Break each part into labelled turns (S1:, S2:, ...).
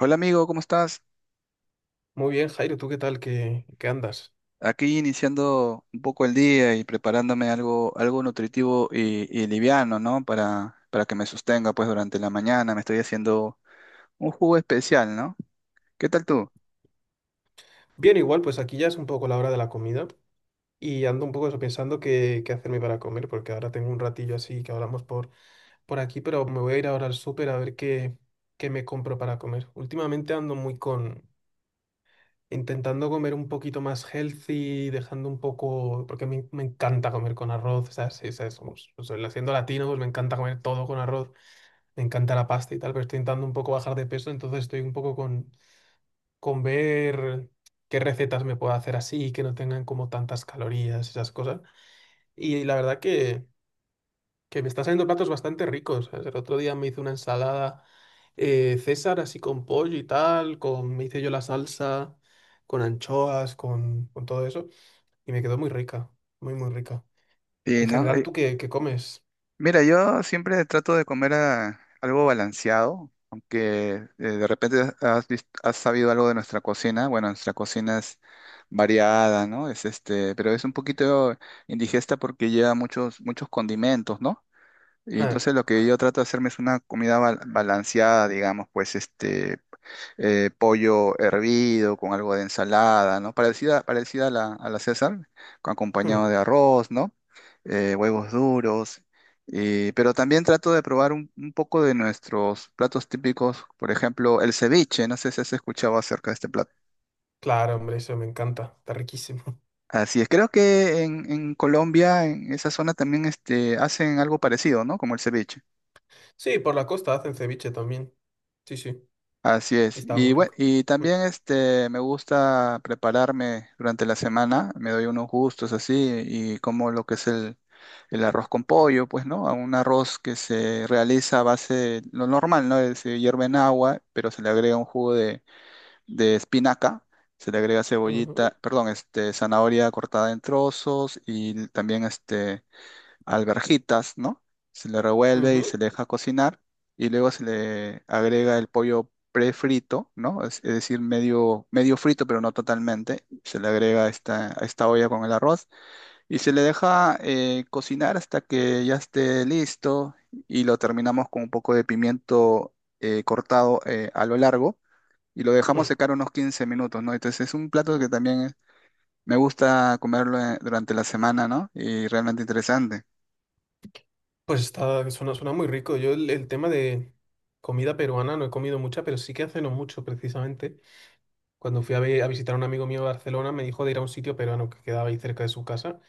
S1: Hola amigo, ¿cómo estás?
S2: Muy bien, Jairo, ¿tú qué tal? ¿Qué andas?
S1: Aquí iniciando un poco el día y preparándome algo, algo nutritivo y, liviano, ¿no? Para que me sostenga pues durante la mañana. Me estoy haciendo un jugo especial, ¿no? ¿Qué tal tú?
S2: Bien, igual, pues aquí ya es un poco la hora de la comida y ando un poco eso, pensando qué hacerme para comer, porque ahora tengo un ratillo así que hablamos por aquí, pero me voy a ir ahora al súper a ver qué me compro para comer. Últimamente ando intentando comer un poquito más healthy, dejando un poco, porque me encanta comer con arroz, o sea, sí, o sea, siendo latino, pues me encanta comer todo con arroz, me encanta la pasta y tal, pero estoy intentando un poco bajar de peso, entonces estoy un poco con ver qué recetas me puedo hacer así, que no tengan como tantas calorías, esas cosas. Y que me están saliendo platos bastante ricos. ¿Sabes? El otro día me hice una ensalada César así con pollo y tal, me hice yo la salsa, con anchoas, con todo eso, y me quedó muy rica, muy rica.
S1: Sí,
S2: En
S1: ¿no?
S2: general, ¿tú qué comes?
S1: Mira, yo siempre trato de comer algo balanceado, aunque de repente has sabido algo de nuestra cocina. Bueno, nuestra cocina es variada, ¿no? Pero es un poquito indigesta porque lleva muchos, muchos condimentos, ¿no? Y
S2: Ah,
S1: entonces lo que yo trato de hacerme es una comida balanceada, digamos, pues pollo hervido con algo de ensalada, ¿no? Parecida a la César, con
S2: hmm,
S1: acompañado de arroz, ¿no? Huevos duros. Y, pero también trato de probar un poco de nuestros platos típicos, por ejemplo, el ceviche, no sé si has escuchado acerca de este plato.
S2: claro, hombre, eso me encanta, está riquísimo.
S1: Así es, creo que en Colombia, en esa zona también este, hacen algo parecido, ¿no? Como el ceviche.
S2: Sí, por la costa hacen ceviche también. Sí, sí,
S1: Así
S2: y
S1: es.
S2: está
S1: Y
S2: muy
S1: bueno,
S2: rico.
S1: y
S2: Mm,
S1: también este me gusta prepararme durante la semana, me doy unos gustos así y como lo que el arroz con pollo, pues, ¿no? A Un arroz que se realiza a base, lo normal, ¿no? Es, Se hierve en agua, pero se le agrega un jugo de espinaca, se le agrega cebollita,
S2: ujú.
S1: perdón, este, zanahoria cortada en trozos y también este alverjitas, ¿no? Se le revuelve y se
S2: Ujú.
S1: le deja cocinar y luego se le agrega el pollo prefrito, ¿no? Es decir, medio, medio frito, pero no totalmente. Se le agrega a esta olla con el arroz y se le deja cocinar hasta que ya esté listo y lo terminamos con un poco de pimiento cortado a lo largo y lo dejamos
S2: Mm.
S1: secar unos 15 minutos, ¿no? Entonces es un plato que también me gusta comerlo durante la semana, ¿no? Y realmente interesante.
S2: Pues está, suena muy rico. Yo el tema de comida peruana no he comido mucha, pero sí que hace no mucho precisamente. Cuando fui a, a visitar a un amigo mío a Barcelona, me dijo de ir a un sitio peruano que quedaba ahí cerca de su casa.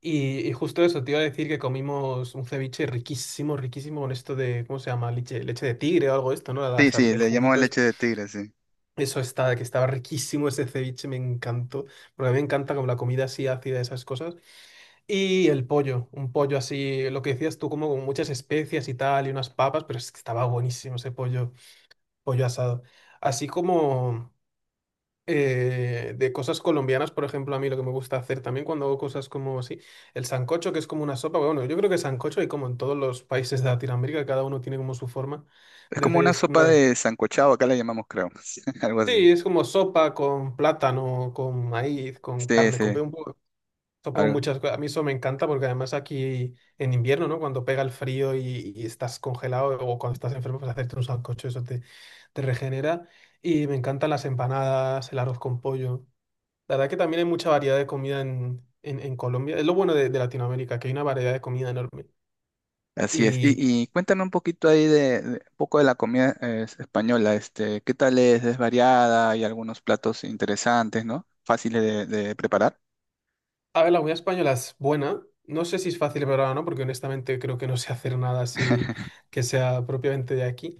S2: Y justo eso, te iba a decir que comimos un ceviche riquísimo, riquísimo con esto de, ¿cómo se llama? Leche de tigre o algo de esto, ¿no?
S1: Sí, sí,
S2: El
S1: le llamamos
S2: juguito es,
S1: leche de tigre, sí.
S2: eso está, que estaba riquísimo ese ceviche, me encantó. Porque a mí me encanta como la comida así ácida, esas cosas. Y el pollo, un pollo así, lo que decías tú, como con muchas especias y tal, y unas papas, pero es que estaba buenísimo ese pollo, pollo asado. Así como de cosas colombianas, por ejemplo, a mí lo que me gusta hacer también cuando hago cosas como así, el sancocho, que es como una sopa, bueno, yo creo que sancocho hay como en todos los países de Latinoamérica, cada uno tiene como su forma
S1: Es
S2: de
S1: como
S2: hacer
S1: una
S2: es
S1: sopa
S2: una...
S1: de sancochado, acá la llamamos, creo. Algo así.
S2: Sí, es como sopa con plátano, con maíz, con
S1: Sí,
S2: carne,
S1: sí,
S2: un poco sopa con
S1: algo.
S2: muchas cosas. A mí eso me encanta porque además aquí en invierno, ¿no? Cuando pega el frío y estás congelado o cuando estás enfermo, pues hacerte un sancocho, te regenera. Y me encantan las empanadas, el arroz con pollo. La verdad que también hay mucha variedad de comida en Colombia. Es lo bueno de Latinoamérica, que hay una variedad de comida enorme.
S1: Así es.
S2: Y,
S1: Y cuéntame un poquito ahí un poco de la comida española, este, ¿qué tal es? ¿Es variada? Hay algunos platos interesantes, ¿no? Fáciles de preparar.
S2: a ver, la comida española es buena. No sé si es fácil prepararla o no, porque honestamente creo que no sé hacer nada así que sea propiamente de aquí.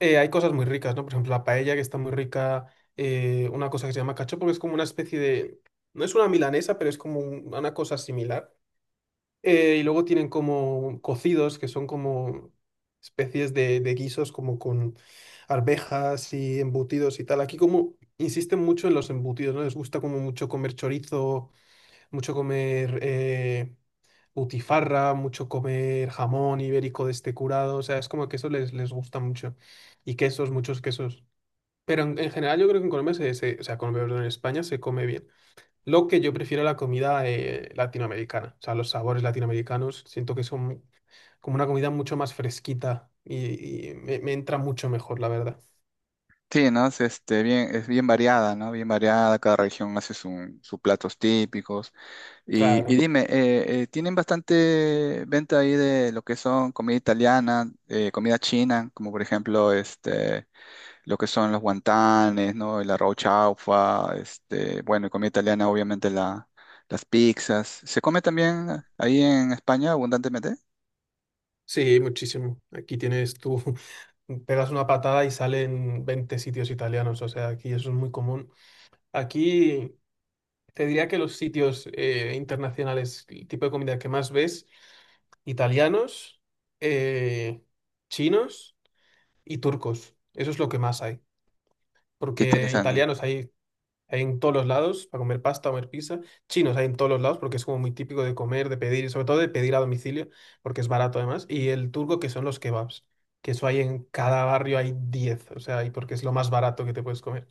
S2: Eh, hay cosas muy ricas, ¿no? Por ejemplo, la paella, que está muy rica, una cosa que se llama cachopo, que es como una especie de... No es una milanesa, pero es como una cosa similar. Y luego tienen como cocidos, que son como especies de guisos, como con arvejas y embutidos y tal. Aquí como insisten mucho en los embutidos, ¿no? Les gusta como mucho comer chorizo, mucho comer... Eh, butifarra, mucho comer jamón ibérico de este curado, o sea, es como que eso les gusta mucho. Y quesos, muchos quesos. Pero en general yo creo que en Colombia, Colombia, perdón, en España se come bien. Lo que yo prefiero la comida latinoamericana, o sea, los sabores latinoamericanos, siento que son como una comida mucho más fresquita y me entra mucho mejor, la verdad.
S1: Sí, ¿no? Es, este, bien, es bien variada, ¿no? Bien variada, cada región hace sus platos típicos. Y
S2: Claro,
S1: dime, ¿tienen bastante venta ahí de lo que son comida italiana, comida china, como por ejemplo este, lo que son los guantanes, ¿no? El arroz chaufa, este, bueno, y comida italiana, obviamente las pizzas. ¿Se come también ahí en España abundantemente?
S2: sí, muchísimo. Aquí tienes tú, pegas una patada y salen 20 sitios italianos, o sea, aquí eso es muy común. Aquí... Te diría que los sitios internacionales, el tipo de comida que más ves, italianos, eh, chinos y turcos. Eso es lo que más hay.
S1: Qué
S2: Porque
S1: interesante.
S2: italianos hay, hay en todos los lados para comer pasta, comer pizza. Chinos hay en todos los lados porque es como muy típico de comer, de pedir, y sobre todo de pedir a domicilio, porque es barato además. Y el turco, que son los kebabs, que eso hay en cada barrio, hay 10 o sea, y porque es lo más barato que te puedes comer.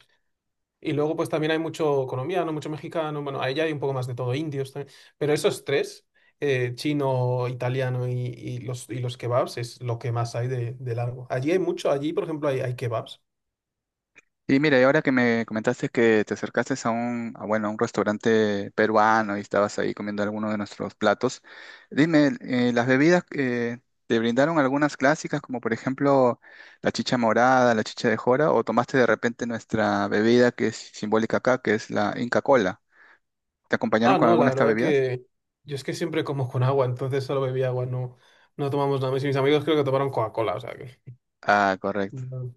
S2: Y luego, pues también hay mucho colombiano, mucho mexicano, bueno, ahí ya hay un poco más de todo, indios también. Pero esos tres, chino, italiano y los kebabs, es lo que más hay de largo. Allí hay mucho, allí, por ejemplo, hay kebabs.
S1: Y mira, y ahora que me comentaste que te acercaste a bueno, a un restaurante peruano y estabas ahí comiendo alguno de nuestros platos, dime, ¿las bebidas te brindaron algunas clásicas, como por ejemplo la chicha morada, la chicha de jora, o tomaste de repente nuestra bebida que es simbólica acá, que es la Inca Cola? ¿Te acompañaron
S2: Ah,
S1: con
S2: no, la
S1: alguna de estas
S2: verdad
S1: bebidas?
S2: que yo es que siempre como con agua, entonces solo bebí agua, no, no tomamos nada. Mis amigos creo que tomaron Coca-Cola, o sea que
S1: Ah, correcto.
S2: no,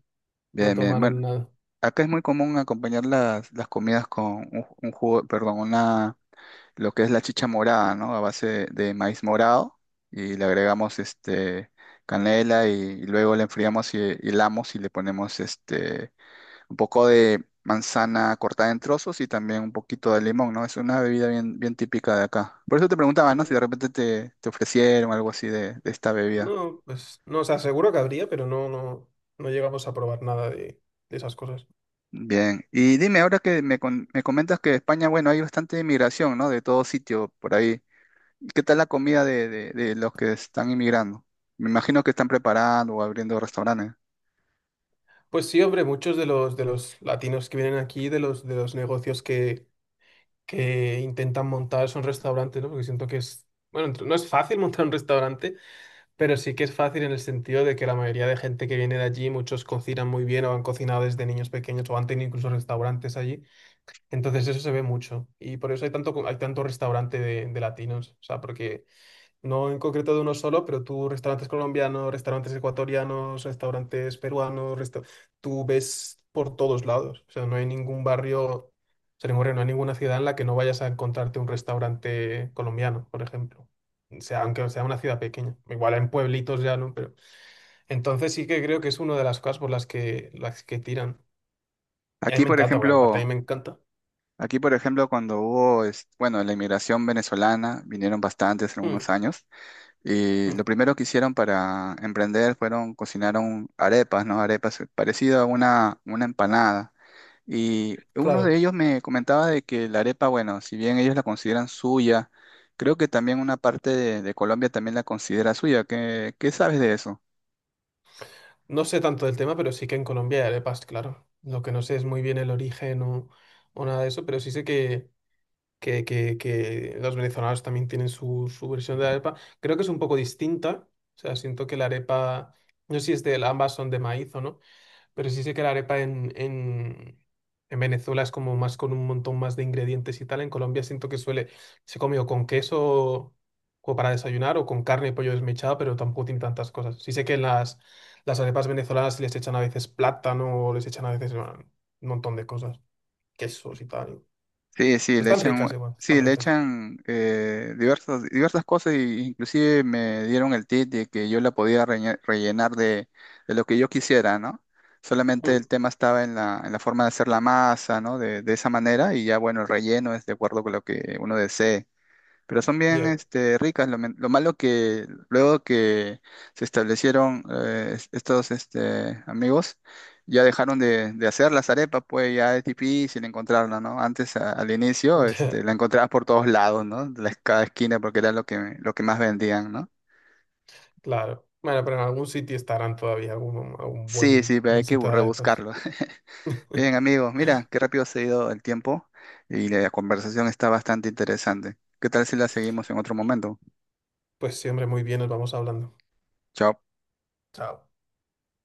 S2: no
S1: Bien, bien.
S2: tomaron
S1: Bueno,
S2: nada.
S1: acá es muy común acompañar las comidas con un jugo, perdón, una lo que es la chicha morada, ¿no? A base de maíz morado y le agregamos este canela y luego le enfriamos y hilamos y le ponemos este un poco de manzana cortada en trozos y también un poquito de limón, ¿no? Es una bebida bien, bien típica de acá. Por eso te preguntaba, ¿no? Si
S2: Mm,
S1: de repente te ofrecieron algo así de esta bebida.
S2: no, pues no, o sea, seguro que habría, pero no, no, no llegamos a probar nada de, de esas cosas.
S1: Bien, y dime, ahora que me comentas que España, bueno, hay bastante inmigración, ¿no? De todo sitio por ahí. ¿Y qué tal la comida de los que están inmigrando? Me imagino que están preparando o abriendo restaurantes.
S2: Pues sí, hombre, muchos de de los latinos que vienen aquí, de de los negocios que intentan montar son restaurantes, ¿no? Porque siento que es, bueno, no es fácil montar un restaurante, pero sí que es fácil en el sentido de que la mayoría de gente que viene de allí, muchos cocinan muy bien o han cocinado desde niños pequeños o han tenido incluso restaurantes allí. Entonces eso se ve mucho y por eso hay tanto, hay tanto restaurante de latinos, o sea, porque... No en concreto de uno solo, pero tú restaurantes colombianos, restaurantes ecuatorianos, restaurantes peruanos, tú ves por todos lados. O sea, no hay ningún barrio, o sea, ningún barrio, no hay ninguna ciudad en la que no vayas a encontrarte un restaurante colombiano, por ejemplo. O sea, aunque sea una ciudad pequeña. Igual en pueblitos ya, ¿no? Pero entonces sí que creo que es una de las cosas por las que tiran. Y a mí
S1: Aquí,
S2: me
S1: por
S2: encanta, porque aparte a mí
S1: ejemplo,
S2: me encanta.
S1: aquí, por ejemplo, cuando hubo, bueno, la inmigración venezolana, vinieron bastantes en
S2: Mm,
S1: unos años, y
S2: mm,
S1: lo primero que hicieron para emprender fueron, cocinaron arepas, ¿no? Arepas parecido a una empanada. Y uno de
S2: claro.
S1: ellos me comentaba de que la arepa, bueno, si bien ellos la consideran suya, creo que también una parte de Colombia también la considera suya. ¿Qué, qué sabes de eso?
S2: No sé tanto del tema, pero sí que en Colombia hay arepas, claro. Lo que no sé es muy bien el origen o nada de eso, pero sí sé que los venezolanos también tienen su versión de la arepa. Creo que es un poco distinta. O sea, siento que la arepa, no sé si es de, ambas son de maíz o no. Pero sí sé que la arepa en Venezuela es como más con un montón más de ingredientes y tal. En Colombia siento que suele, se come o con queso o para desayunar o con carne y pollo desmechado, pero tampoco tiene tantas cosas. Sí sé que las arepas venezolanas les echan a veces plátano o les echan a veces bueno, un montón de cosas, quesos y tal.
S1: Sí,
S2: Están ricas igual, están
S1: sí, le
S2: ricas.
S1: echan diversas, diversas cosas y inclusive me dieron el tip de que yo la podía rellenar de lo que yo quisiera, ¿no? Solamente
S2: Mm,
S1: el tema estaba en en la forma de hacer la masa, ¿no? De esa manera y ya, bueno, el relleno es de acuerdo con lo que uno desee. Pero son bien
S2: ya,
S1: este, ricas. Lo malo que luego que se establecieron estos este, amigos, ya dejaron de hacer las arepas, pues ya es difícil encontrarla, ¿no? Antes, al inicio,
S2: ya,
S1: este, la encontrabas por todos lados, ¿no? De cada esquina, porque era lo que más vendían, ¿no?
S2: claro. Bueno, pero en algún sitio estarán todavía, algún, algún
S1: Sí,
S2: buen,
S1: sí, pero hay
S2: buen
S1: que
S2: sitio de arepas.
S1: rebuscarlo. Bien, amigos, mira, qué rápido se ha ido el tiempo y la conversación está bastante interesante. ¿Qué tal si la seguimos en otro momento?
S2: Pues sí, hombre, muy bien, nos vamos hablando.
S1: Chao.
S2: Chao.